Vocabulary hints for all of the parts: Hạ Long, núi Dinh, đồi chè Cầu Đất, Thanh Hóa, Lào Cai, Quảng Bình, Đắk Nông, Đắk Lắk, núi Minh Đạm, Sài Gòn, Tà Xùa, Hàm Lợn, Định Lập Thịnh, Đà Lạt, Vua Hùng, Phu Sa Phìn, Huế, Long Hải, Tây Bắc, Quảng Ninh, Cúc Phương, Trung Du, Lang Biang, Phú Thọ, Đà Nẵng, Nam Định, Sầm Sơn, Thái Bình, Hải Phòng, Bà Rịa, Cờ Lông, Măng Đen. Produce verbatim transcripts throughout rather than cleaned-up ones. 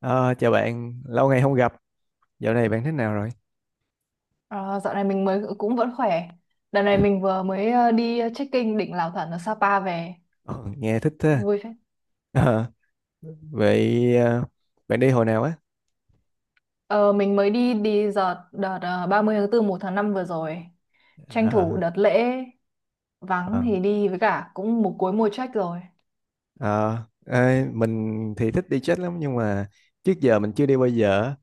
Ờ, Chào bạn, lâu ngày không gặp, dạo này bạn thế nào rồi? Ờ, Dạo này mình mới cũng vẫn khỏe. Đợt này mình vừa mới ờ, đi ờ, trekking đỉnh Lào Thẩn ở Sapa về. Ờ, Nghe thích thế. Vui phết. Ờ, Vậy ờ, bạn đi hồi nào á? Ờ, mình mới đi đi đợt đợt ờ, ba mươi tháng tư một tháng năm vừa rồi. Tranh thủ Ờ, đợt lễ vắng ờ. thì đi với cả cũng một cuối mùa trek rồi. Ờ, Ê, mình thì thích đi chết lắm nhưng mà trước giờ mình chưa đi bao giờ.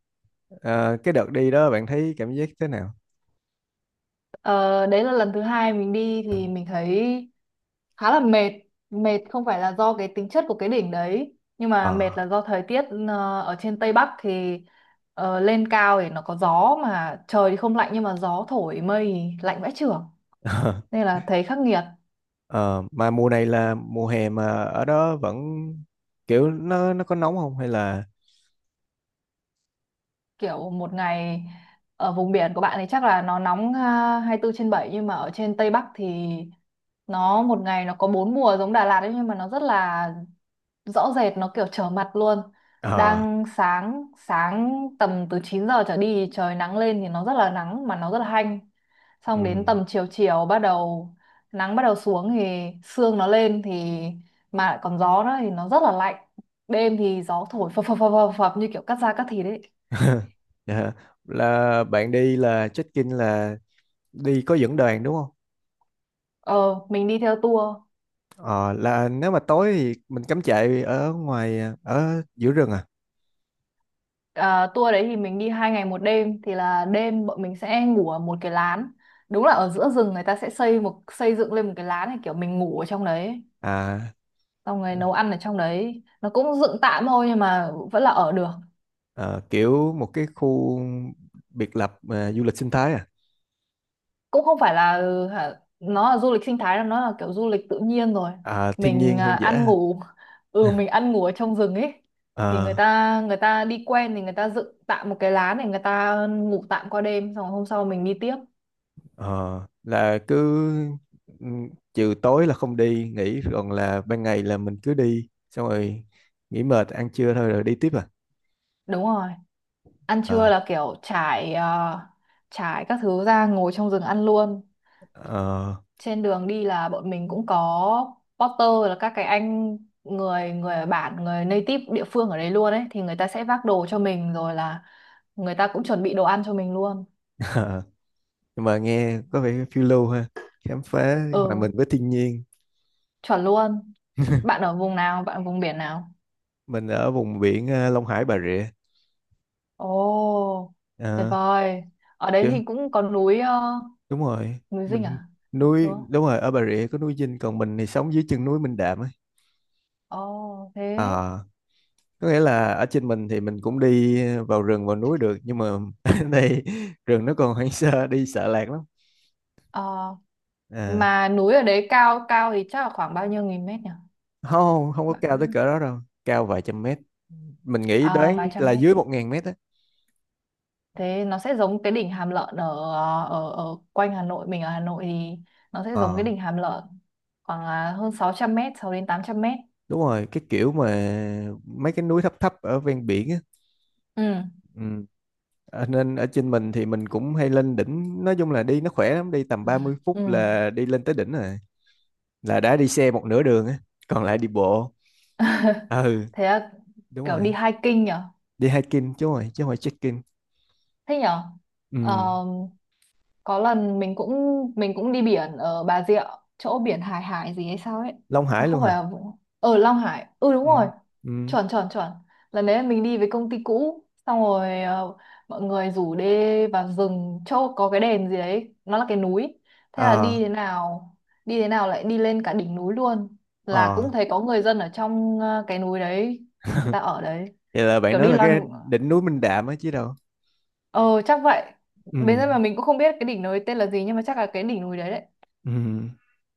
Ờ, cái đợt đi đó bạn thấy cảm giác thế nào? Ờ, Đấy là lần thứ hai mình đi thì mình thấy khá là mệt, mệt không phải là do cái tính chất của cái đỉnh đấy nhưng mà mệt Ờ, là do thời tiết ờ, ở trên Tây Bắc thì ờ, lên cao thì nó có gió mà trời thì không lạnh nhưng mà gió thổi mây thì lạnh vãi chưởng nên là thấy khắc nghiệt. ờ, mà mùa này là mùa hè mà ở đó vẫn kiểu nó nó có nóng không hay là Kiểu một ngày ở vùng biển của bạn thì chắc là nó nóng, à, hai mươi hai mươi bốn trên bảy, nhưng mà ở trên Tây Bắc thì nó một ngày nó có bốn mùa giống Đà Lạt ấy, nhưng mà nó rất là rõ rệt, nó kiểu trở mặt luôn. ờ Đang sáng, sáng tầm từ chín giờ trở đi trời nắng lên thì nó rất là nắng mà nó rất là hanh, ừ. xong đến tầm chiều, chiều bắt đầu nắng bắt đầu xuống thì sương nó lên, thì mà lại còn gió nữa thì nó rất là lạnh. Đêm thì gió thổi phập phập phập phập phập như kiểu cắt da cắt thịt đấy. Dạ. Là bạn đi là check-in là đi có dẫn đoàn đúng không? ờ mình đi theo tour. Ờ, là nếu mà tối thì mình cắm trại ở ngoài ờ, ở giữa rừng à? À, tour đấy thì mình đi hai ngày một đêm thì là đêm bọn mình sẽ ngủ ở một cái lán, đúng là ở giữa rừng người ta sẽ xây một xây dựng lên một cái lán này, kiểu mình ngủ ở trong đấy À, xong rồi nấu ăn ở trong đấy, nó cũng dựng tạm thôi nhưng mà vẫn là ở được. ờ, kiểu một cái khu biệt lập à, du lịch sinh thái à, Cũng không phải là ừ, hả, nó là du lịch sinh thái, là nó là kiểu du lịch tự nhiên rồi. à thiên mình nhiên à, hoang dã, ăn ngủ ừ hả? mình ăn ngủ ở trong rừng ấy. Thì người Ờ, ta người ta đi quen thì người ta dựng tạm một cái lán để người ta ngủ tạm qua đêm, xong rồi hôm sau mình đi tiếp. ờ, là cứ ừ, trừ tối là không đi nghỉ còn là ban ngày là mình cứ đi xong rồi nghỉ mệt ăn trưa thôi rồi đi tiếp à? Đúng rồi. Ăn trưa Ờ, là kiểu trải ờ, trải các thứ ra ngồi trong rừng ăn luôn. ờ. Trên đường đi là bọn mình cũng có porter, là các cái anh người người ở bản, người native địa phương ở đấy luôn ấy, thì người ta sẽ vác đồ cho mình rồi là người ta cũng chuẩn bị đồ ăn cho mình luôn. Nhưng mà nghe có vẻ phiêu lưu ha, khám phá hòa mình Ừ, với thiên nhiên. chuẩn luôn. Bạn ở vùng nào, bạn ở vùng biển nào? Mình ở vùng biển, à, Long Hải Bà Rịa. Ồ, tuyệt À, vời. Ở đấy chứ thì cũng có núi, ờ, đúng rồi. núi Dinh Mình à, đúng nuôi không? đúng rồi, ở Bà Rịa có núi Dinh, còn mình thì sống dưới chân núi Minh Đạm ấy. Ồ thế. À, có nghĩa là ở trên mình thì mình cũng đi vào rừng vào núi được, nhưng mà ở đây rừng nó còn hoang sơ, đi sợ lạc lắm. Ờ, À, Mà núi ở đấy cao cao thì chắc là khoảng bao nhiêu nghìn mét nhỉ? không, không có Bạn có cao biết tới không? cỡ đó đâu. Cao vài trăm mét, mình nghĩ À, đoán vài trăm là mét. dưới một ngàn mét á. Thế nó sẽ giống cái đỉnh Hàm Lợn ở ở ở quanh Hà Nội, mình ở Hà Nội thì nó sẽ giống Ờ, cái đỉnh Hàm Lợn, khoảng là hơn sáu trăm mét, sáu đến tám trăm mét. đúng rồi, cái kiểu mà mấy cái núi thấp thấp ở ven biển á. Ừ. Ừ. À, nên ở trên mình thì mình cũng hay lên đỉnh, nói chung là đi nó khỏe lắm, đi tầm ba mươi phút Ừ. là đi lên tới đỉnh rồi, là đã đi xe một nửa đường á, còn lại đi bộ. Ừ. Thế là Đúng kiểu rồi, đi hiking nhở? đi hiking chứ rồi chứ không phải trekking. Thế nhở? Ừ. Ờ, có lần mình cũng mình cũng đi biển ở Bà Rịa, chỗ biển Hải Hải gì hay sao ấy. Long Nó Hải luôn không phải hả? là ở Long Hải. Ừ, đúng Ừ. rồi. Ừ. Chuẩn chuẩn chuẩn. Lần đấy mình đi với công ty cũ xong rồi ờ, mọi người rủ đi vào rừng chỗ có cái đền gì đấy, nó là cái núi, thế là ờ đi thế nào đi thế nào lại đi lên cả đỉnh núi luôn, là ờ cũng thấy có người dân ở trong ờ, cái núi đấy, người ta ở đấy Vậy là bạn kiểu nói đi là cái loanh, đỉnh núi Minh Đạm á chứ đâu? ờ chắc vậy. Bây Ừ. giờ mà mình cũng không biết cái đỉnh núi tên là gì nhưng mà chắc là cái đỉnh núi đấy đấy. Ừ.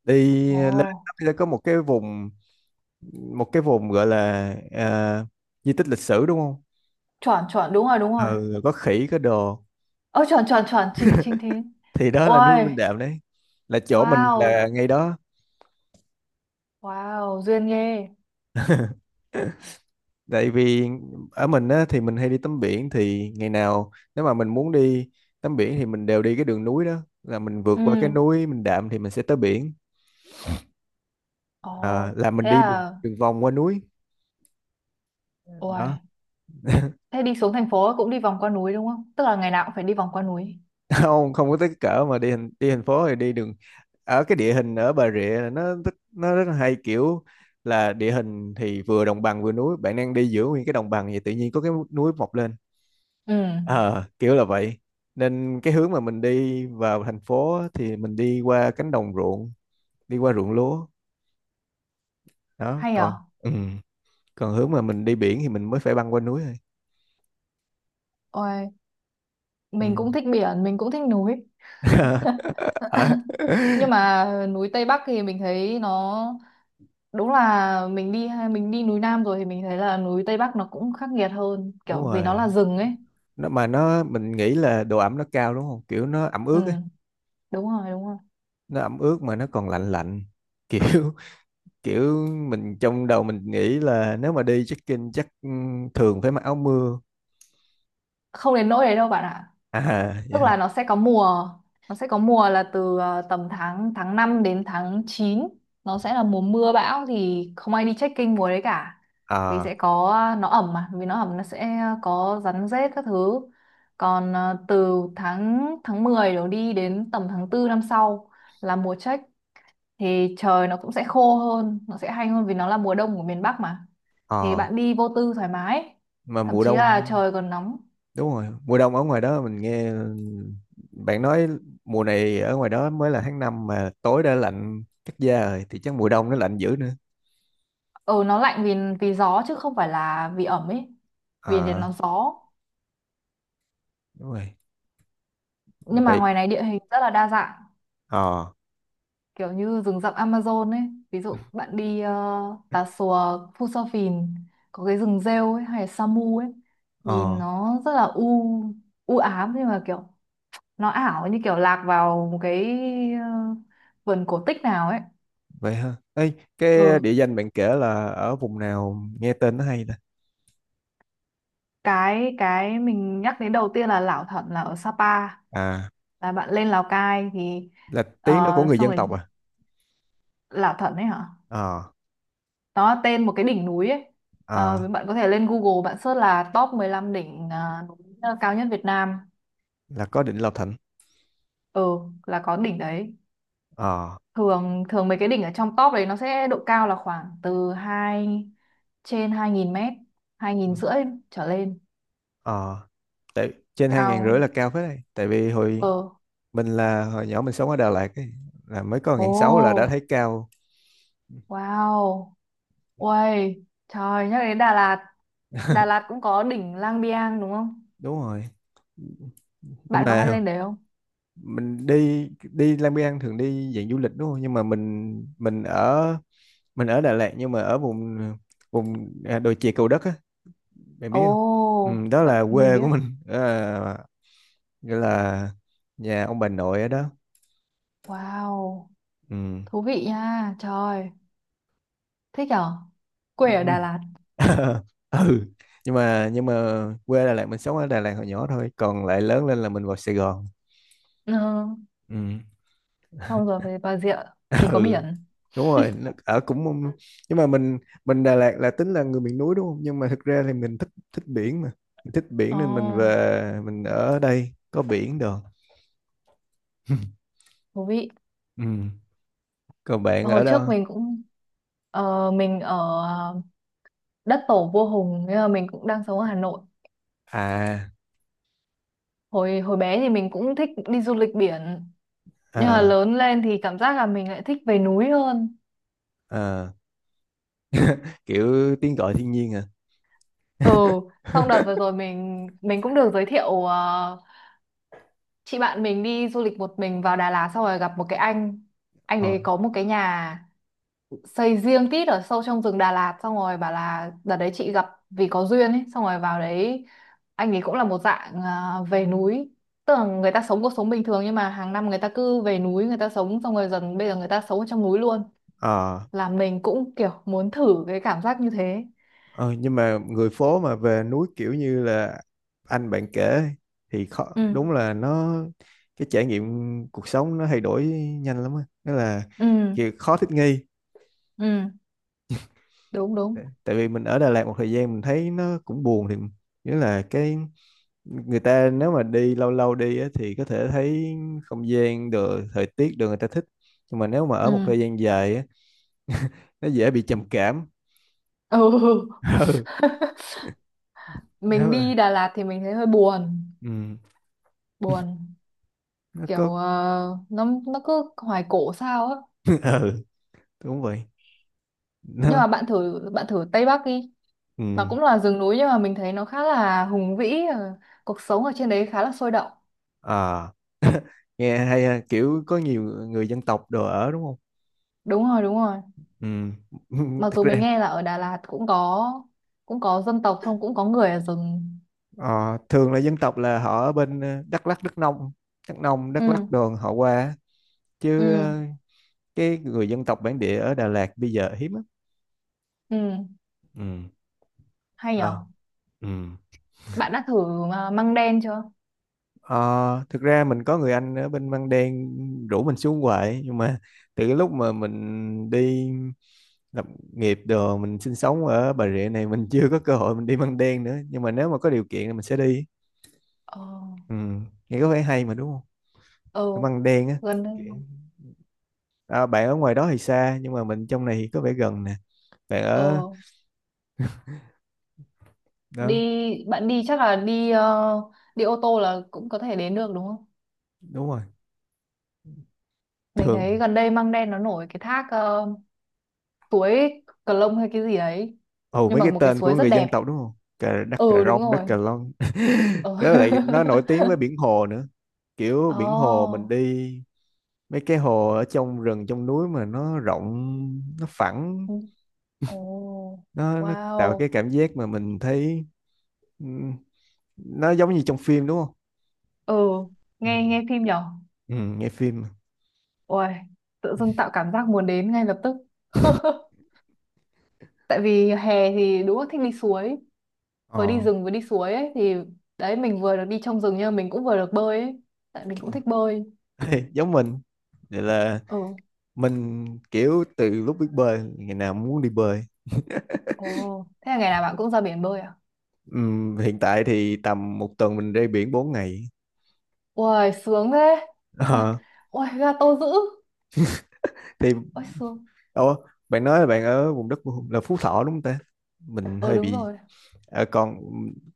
Đi Ồ, lên nó có một cái vùng, một cái vùng gọi là, à, di tích lịch sử đúng không? chuẩn chuẩn, đúng rồi, đúng rồi. ừ, có khỉ có đồ Ơ chuẩn chuẩn chuẩn, chính chính thế. thì đó là núi Minh Ôi, Đạm đấy. Là chỗ mình wow, là ngay đó. wow, duyên ghê. Tại vì ở mình á, thì mình hay đi tắm biển, thì ngày nào nếu mà mình muốn đi tắm biển thì mình đều đi cái đường núi đó, là mình vượt qua cái Ừ. núi Minh Đạm thì mình sẽ tới biển. À, Ồ, là mình thế đi đường, là đường vòng qua núi ôi, đó. thế đi xuống thành phố cũng đi vòng qua núi đúng không? Tức là ngày nào cũng phải đi vòng qua núi. Không, không có tới cái cỡ mà đi thành, đi thành phố thì đi đường. Ở cái địa hình ở Bà Rịa là nó rất- nó rất là hay, kiểu là địa hình thì vừa đồng bằng vừa núi, bạn đang đi giữa nguyên cái đồng bằng thì tự nhiên có cái núi mọc lên. Ừ, Ờ, Kiểu là vậy, nên cái hướng mà mình đi vào thành phố á, thì mình đi qua cánh đồng ruộng, đi qua ruộng lúa đó, hay còn. à? Ừ. Còn hướng mà mình đi biển thì mình mới phải băng qua núi thôi. Ôi, Ừ. mình cũng thích biển, mình cũng thích núi. Ờ, Nhưng mà núi Tây Bắc thì mình thấy nó đúng là mình đi mình đi núi Nam rồi thì mình thấy là núi Tây Bắc nó cũng khắc nghiệt hơn, Đúng kiểu vì nó rồi, là rừng ấy. nó mà nó mình nghĩ là độ ẩm nó cao đúng không, kiểu nó ẩm Ừ, ướt ấy. đúng rồi, đúng rồi. Nó ẩm ướt mà nó còn lạnh lạnh. kiểu kiểu mình trong đầu mình nghĩ là nếu mà đi trekking chắc ừ, thường phải mặc áo mưa. Không đến nỗi đấy đâu bạn ạ. À, Tức dạ. là nó sẽ có mùa nó sẽ có mùa là từ ờ, tầm tháng tháng năm đến tháng chín, nó sẽ là mùa mưa bão thì không ai đi trekking mùa đấy cả. Vì ờ sẽ có ờ, nó ẩm, mà vì nó ẩm nó sẽ có rắn rết các thứ. Còn ờ, từ tháng tháng mười đổ đi đến tầm tháng tư năm sau là mùa trek, thì trời nó cũng sẽ khô hơn, nó sẽ hay hơn, vì nó là mùa đông của miền Bắc mà. Thì ờ bạn đi vô tư thoải mái, mà thậm mùa chí là đông, trời còn nóng. đúng rồi, mùa đông ở ngoài đó mình nghe bạn nói mùa này ở ngoài đó mới là tháng năm mà tối đã lạnh cắt da rồi thì chắc mùa đông nó lạnh dữ nữa. Ừ, nó lạnh vì vì gió chứ không phải là vì ẩm ấy. Vì thì À, nó gió đúng rồi, nhưng mà vậy. ngoài này địa hình rất là đa dạng, ờ kiểu như rừng rậm Amazon ấy. Ví dụ bạn đi uh, Tà Xùa, Phu Sa Phìn có cái rừng rêu ấy, hay là Sa Mu ấy, ờ nhìn nó rất là u u ám, nhưng mà kiểu nó ảo như kiểu lạc vào một cái ờ, vườn cổ tích nào ấy. Vậy ha, ê, cái Ừ. địa danh bạn kể là ở vùng nào, nghe tên nó hay ta? cái cái mình nhắc đến đầu tiên là Lảo Thẩn, là ở Sapa, À, là bạn lên Lào Cai thì là tiếng nó của ờ, người xong dân rồi tộc à? Lạ Thần ấy hả? ờ Nó là tên một cái đỉnh núi ấy. Ờ, ờ Với bạn có thể lên Google bạn search là top mười lăm đỉnh, à, núi, à, cao nhất Việt Nam. là có Định Lập Thịnh. Ừ, là có đỉnh đấy. ờ Thường thường mấy cái đỉnh ở trong top đấy nó sẽ độ cao là khoảng từ hai trên hai nghìn mét, hai nghìn rưỡi trở lên. ờ Tại trên hai ngàn Cao. rưỡi là cao phết đây, tại vì hồi Ờ, mình là hồi nhỏ mình sống ở Đà Lạt ấy, là mới có ồ, ngàn sáu là đã thấy cao. wow. Uầy, trời, nhắc đến Đà Lạt. Đà Lạt cũng có đỉnh Lang Biang đúng không? Đúng rồi, nhưng Bạn có hay mà lên đấy không? mình đi đi Lang Biang thường đi dạng du lịch đúng không, nhưng mà mình mình ở mình ở Đà Lạt, nhưng mà ở vùng vùng à, đồi chè Cầu Đất á, bạn biết không? Ồ, Ừ, đó bạn là mình quê biết. của mình. À, nghĩa là nhà ông bà nội ở đó. Wow. Ừ. Thú vị nha trời. Thích nhở, Ừ. quê ở Đà Lạt. Ừ, nhưng mà nhưng mà quê Đà Lạt mình sống ở Đà Lạt hồi nhỏ thôi, còn lại lớn lên là mình vào Sài Gòn. Ừ. Ừ. Xong rồi về Bà Rịa, vì có Ừ, biển. đúng rồi. Nó- ở cũng mông- nhưng mà mình mình Đà Lạt là tính là người miền núi đúng không, nhưng mà thực ra thì mình thích thích biển, mà mình thích biển Ồ, nên mình về mình ở đây có biển được. thú vị. Ừ. Còn bạn Hồi ở đâu? trước mình cũng ờ, mình ở ờ, đất tổ Vua Hùng, nhưng mà mình cũng đang sống ở Hà Nội. À, Hồi hồi bé thì mình cũng thích đi du lịch biển, nhưng mà à, lớn lên thì cảm giác là mình lại thích về núi hơn. à, kiểu tiếng gọi thiên nhiên à. Ừ. Xong đợt vừa rồi mình mình cũng được giới thiệu, ờ, chị bạn mình đi du lịch một mình vào Đà Lạt xong rồi gặp một cái anh anh ờ đấy có một cái nhà xây riêng tít ở sâu trong rừng Đà Lạt, xong rồi bảo là đợt đấy chị gặp vì có duyên ấy, xong rồi vào đấy anh ấy cũng là một dạng à, về núi, tức là người ta sống cuộc sống bình thường nhưng mà hàng năm người ta cứ về núi người ta sống, xong rồi dần bây giờ người ta sống ở trong núi luôn. ờ Là mình cũng kiểu muốn thử cái cảm giác như thế. ờ, nhưng mà người phố mà về núi kiểu như là anh bạn kể thì khó, Ừ, đúng là nó, cái trải nghiệm cuộc sống nó thay đổi nhanh lắm á, đó là ừ, kiểu khó thích nghi. ừ, đúng đúng, Tại vì mình ở Đà Lạt một thời gian mình thấy nó cũng buồn thì, nghĩa là cái người ta nếu mà đi lâu lâu đi á, thì có thể thấy không gian được, thời tiết được người ta thích, nhưng mà nếu mà ở một ừ, thời gian dài á, nó dễ bị trầm cảm. ừ. Ừ, nếu Mình mà đi Đà Lạt thì mình thấy hơi buồn. ừ, Buồn nó có. kiểu ờ, nó nó cứ hoài cổ sao á. Ừ, đúng vậy, Nhưng mà nó bạn thử bạn thử Tây Bắc đi. Nó ừ. cũng là rừng núi nhưng mà mình thấy nó khá là hùng vĩ, ờ, cuộc sống ở trên đấy khá là sôi động. À, nghe hay ha, kiểu có nhiều người dân tộc đồ ở đúng không? Đúng rồi, đúng rồi. Ừ. Mặc Thực dù mình ra. nghe là ở Đà Lạt cũng có, cũng có dân tộc, không cũng có người ở rừng. Ờ, Thường là dân tộc là họ ở bên ờ, Đắk Lắk, Đắk Nông, Đắk Nông, Đắk Lắk Ừ, đường họ qua chứ, ừ, ờ, cái người dân tộc bản địa ở Đà Lạt bây giờ hiếm lắm. ừ, Ừ. hay nhở. Ờ. Ừ. Bạn đã thử mà măng đen chưa? Ờ, thực ra mình có người anh ở bên Măng Đen, rủ mình xuống hoài, nhưng mà từ cái lúc mà mình đi lập nghiệp đồ, mình sinh sống ở Bà Rịa này, mình chưa có cơ hội mình đi Măng Đen nữa, nhưng mà nếu mà có điều kiện thì mình sẽ đi. Ờ, Ừ. Nghe có vẻ hay mà đúng không, ờ, ở Măng Đen á? gần đây. À, bạn ở ngoài đó thì xa, nhưng mà mình trong này thì có vẻ gần nè, bạn ở Ờ, đi, đó. bạn đi chắc là đi ờ, đi ô tô là cũng có thể đến được đúng không? Đúng rồi, Mình thường. thấy gần đây măng đen nó nổi cái thác, ờ, suối Cờ Lông hay cái gì ấy, Ồ, nhưng mấy mà cái một cái tên của suối rất người dân đẹp. tộc đúng không? Cà, đất cà Ừ, đúng rông, đất rồi. cà long. Ừ. Đó, lại nó nổi tiếng với biển hồ nữa. Kiểu biển hồ mình Oh. đi, mấy cái hồ ở trong rừng trong núi mà nó rộng nó phẳng, Oh, nó nó tạo cái wow. cảm giác mà mình thấy. Ừ, nó giống như trong phim đúng không? Ừ, Ừ. nghe nghe phim nhở. Ừ, nghe phim mà. Ôi, tự dưng tạo cảm giác muốn đến ngay lập tức. Tại vì hè thì đúng là thích đi suối, vừa đi ờ rừng vừa đi suối ấy thì đấy mình vừa được đi trong rừng nhưng mà mình cũng vừa được bơi ấy, tại mình cũng thích bơi. Giống mình. Vậy là Ừ. mình kiểu từ lúc biết bơi ngày nào muốn đi bơi. Ồ, thế là ngày nào bạn cũng ra biển bơi à? Ừm, hiện tại thì tầm một tuần mình ra biển bốn ngày. Uầy, sướng thế. Uầy, Ờ, uầy, ga tô dữ. thì Ôi xương. ồ, bạn nói là bạn ở vùng đất là Phú Thọ đúng không ta? Mình Ờ, hơi đúng bị rồi. ờ, còn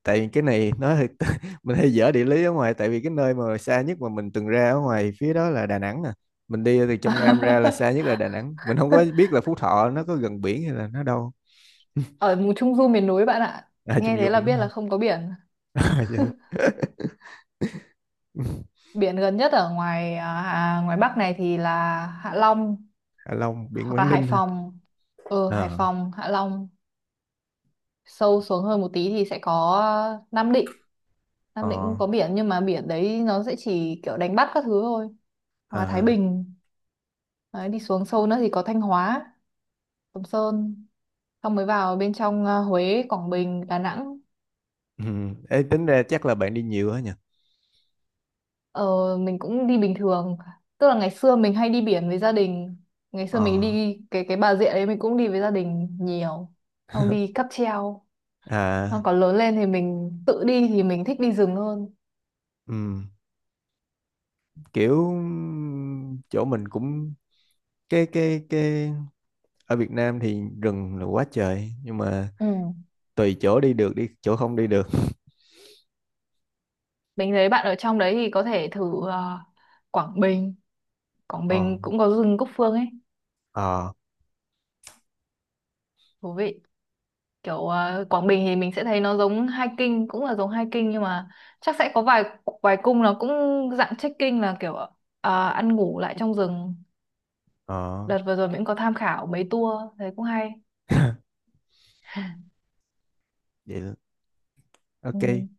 tại vì cái này nói hơi mình hơi dở địa lý ở ngoài, tại vì cái nơi mà xa nhất mà mình từng ra ở ngoài phía đó là Đà Nẵng nè. Mình đi từ trong Nam ra là xa nhất là Đà Nẵng. Mình không có biết là Phú Thọ nó có gần biển hay là nó đâu. Ở vùng Trung Du miền núi bạn ạ. À, chung Nghe vô thế là mình đúng biết không? là không có biển. À, dạ. Biển gần nhất ở ngoài à, à, ngoài Bắc này thì là Hạ Long Hạ Long, biển hoặc là Quảng Hải Ninh, hả? Phòng. Ờ, Hải Ờ. Phòng, Hạ Long, sâu xuống hơn một tí thì sẽ có Nam Định. Nam Định cũng Ờ. có biển nhưng mà biển đấy nó sẽ chỉ kiểu đánh bắt các thứ thôi. Hoặc là Thái À, Bình. Đấy, đi xuống sâu nữa thì có Thanh Hóa, Sầm Sơn. Xong mới vào bên trong, à, Huế, Quảng Bình, Đà Nẵng. ừ. Ê, tính ra chắc là bạn đi nhiều á nhỉ? Ờ, mình cũng đi bình thường, tức là ngày xưa mình hay đi biển với gia đình, ngày xưa mình Ờ. đi cái cái Bà Rịa đấy mình cũng đi với gia đình nhiều, không đi cáp treo. Xong À, còn lớn lên thì mình tự đi thì mình thích đi rừng hơn. ừ. Kiểu chỗ mình cũng cái cái cái ở Việt Nam thì rừng là quá trời, nhưng mà Ừ. tùy chỗ đi được, đi chỗ không đi được. Mình thấy bạn ở trong đấy thì có thể thử ờ, Quảng Bình. Quảng Ờ, Bình cũng có rừng Cúc Phương ấy, ờ, thú vị, kiểu ờ, Quảng Bình thì mình sẽ thấy nó giống hiking cũng là giống hiking, nhưng mà chắc sẽ có vài vài cung nó cũng dạng trekking, là kiểu ờ, ăn ngủ lại trong rừng. ờ. Đợt vừa rồi mình cũng có tham khảo mấy tour, thấy cũng hay. Vậy là- Ừ. OK.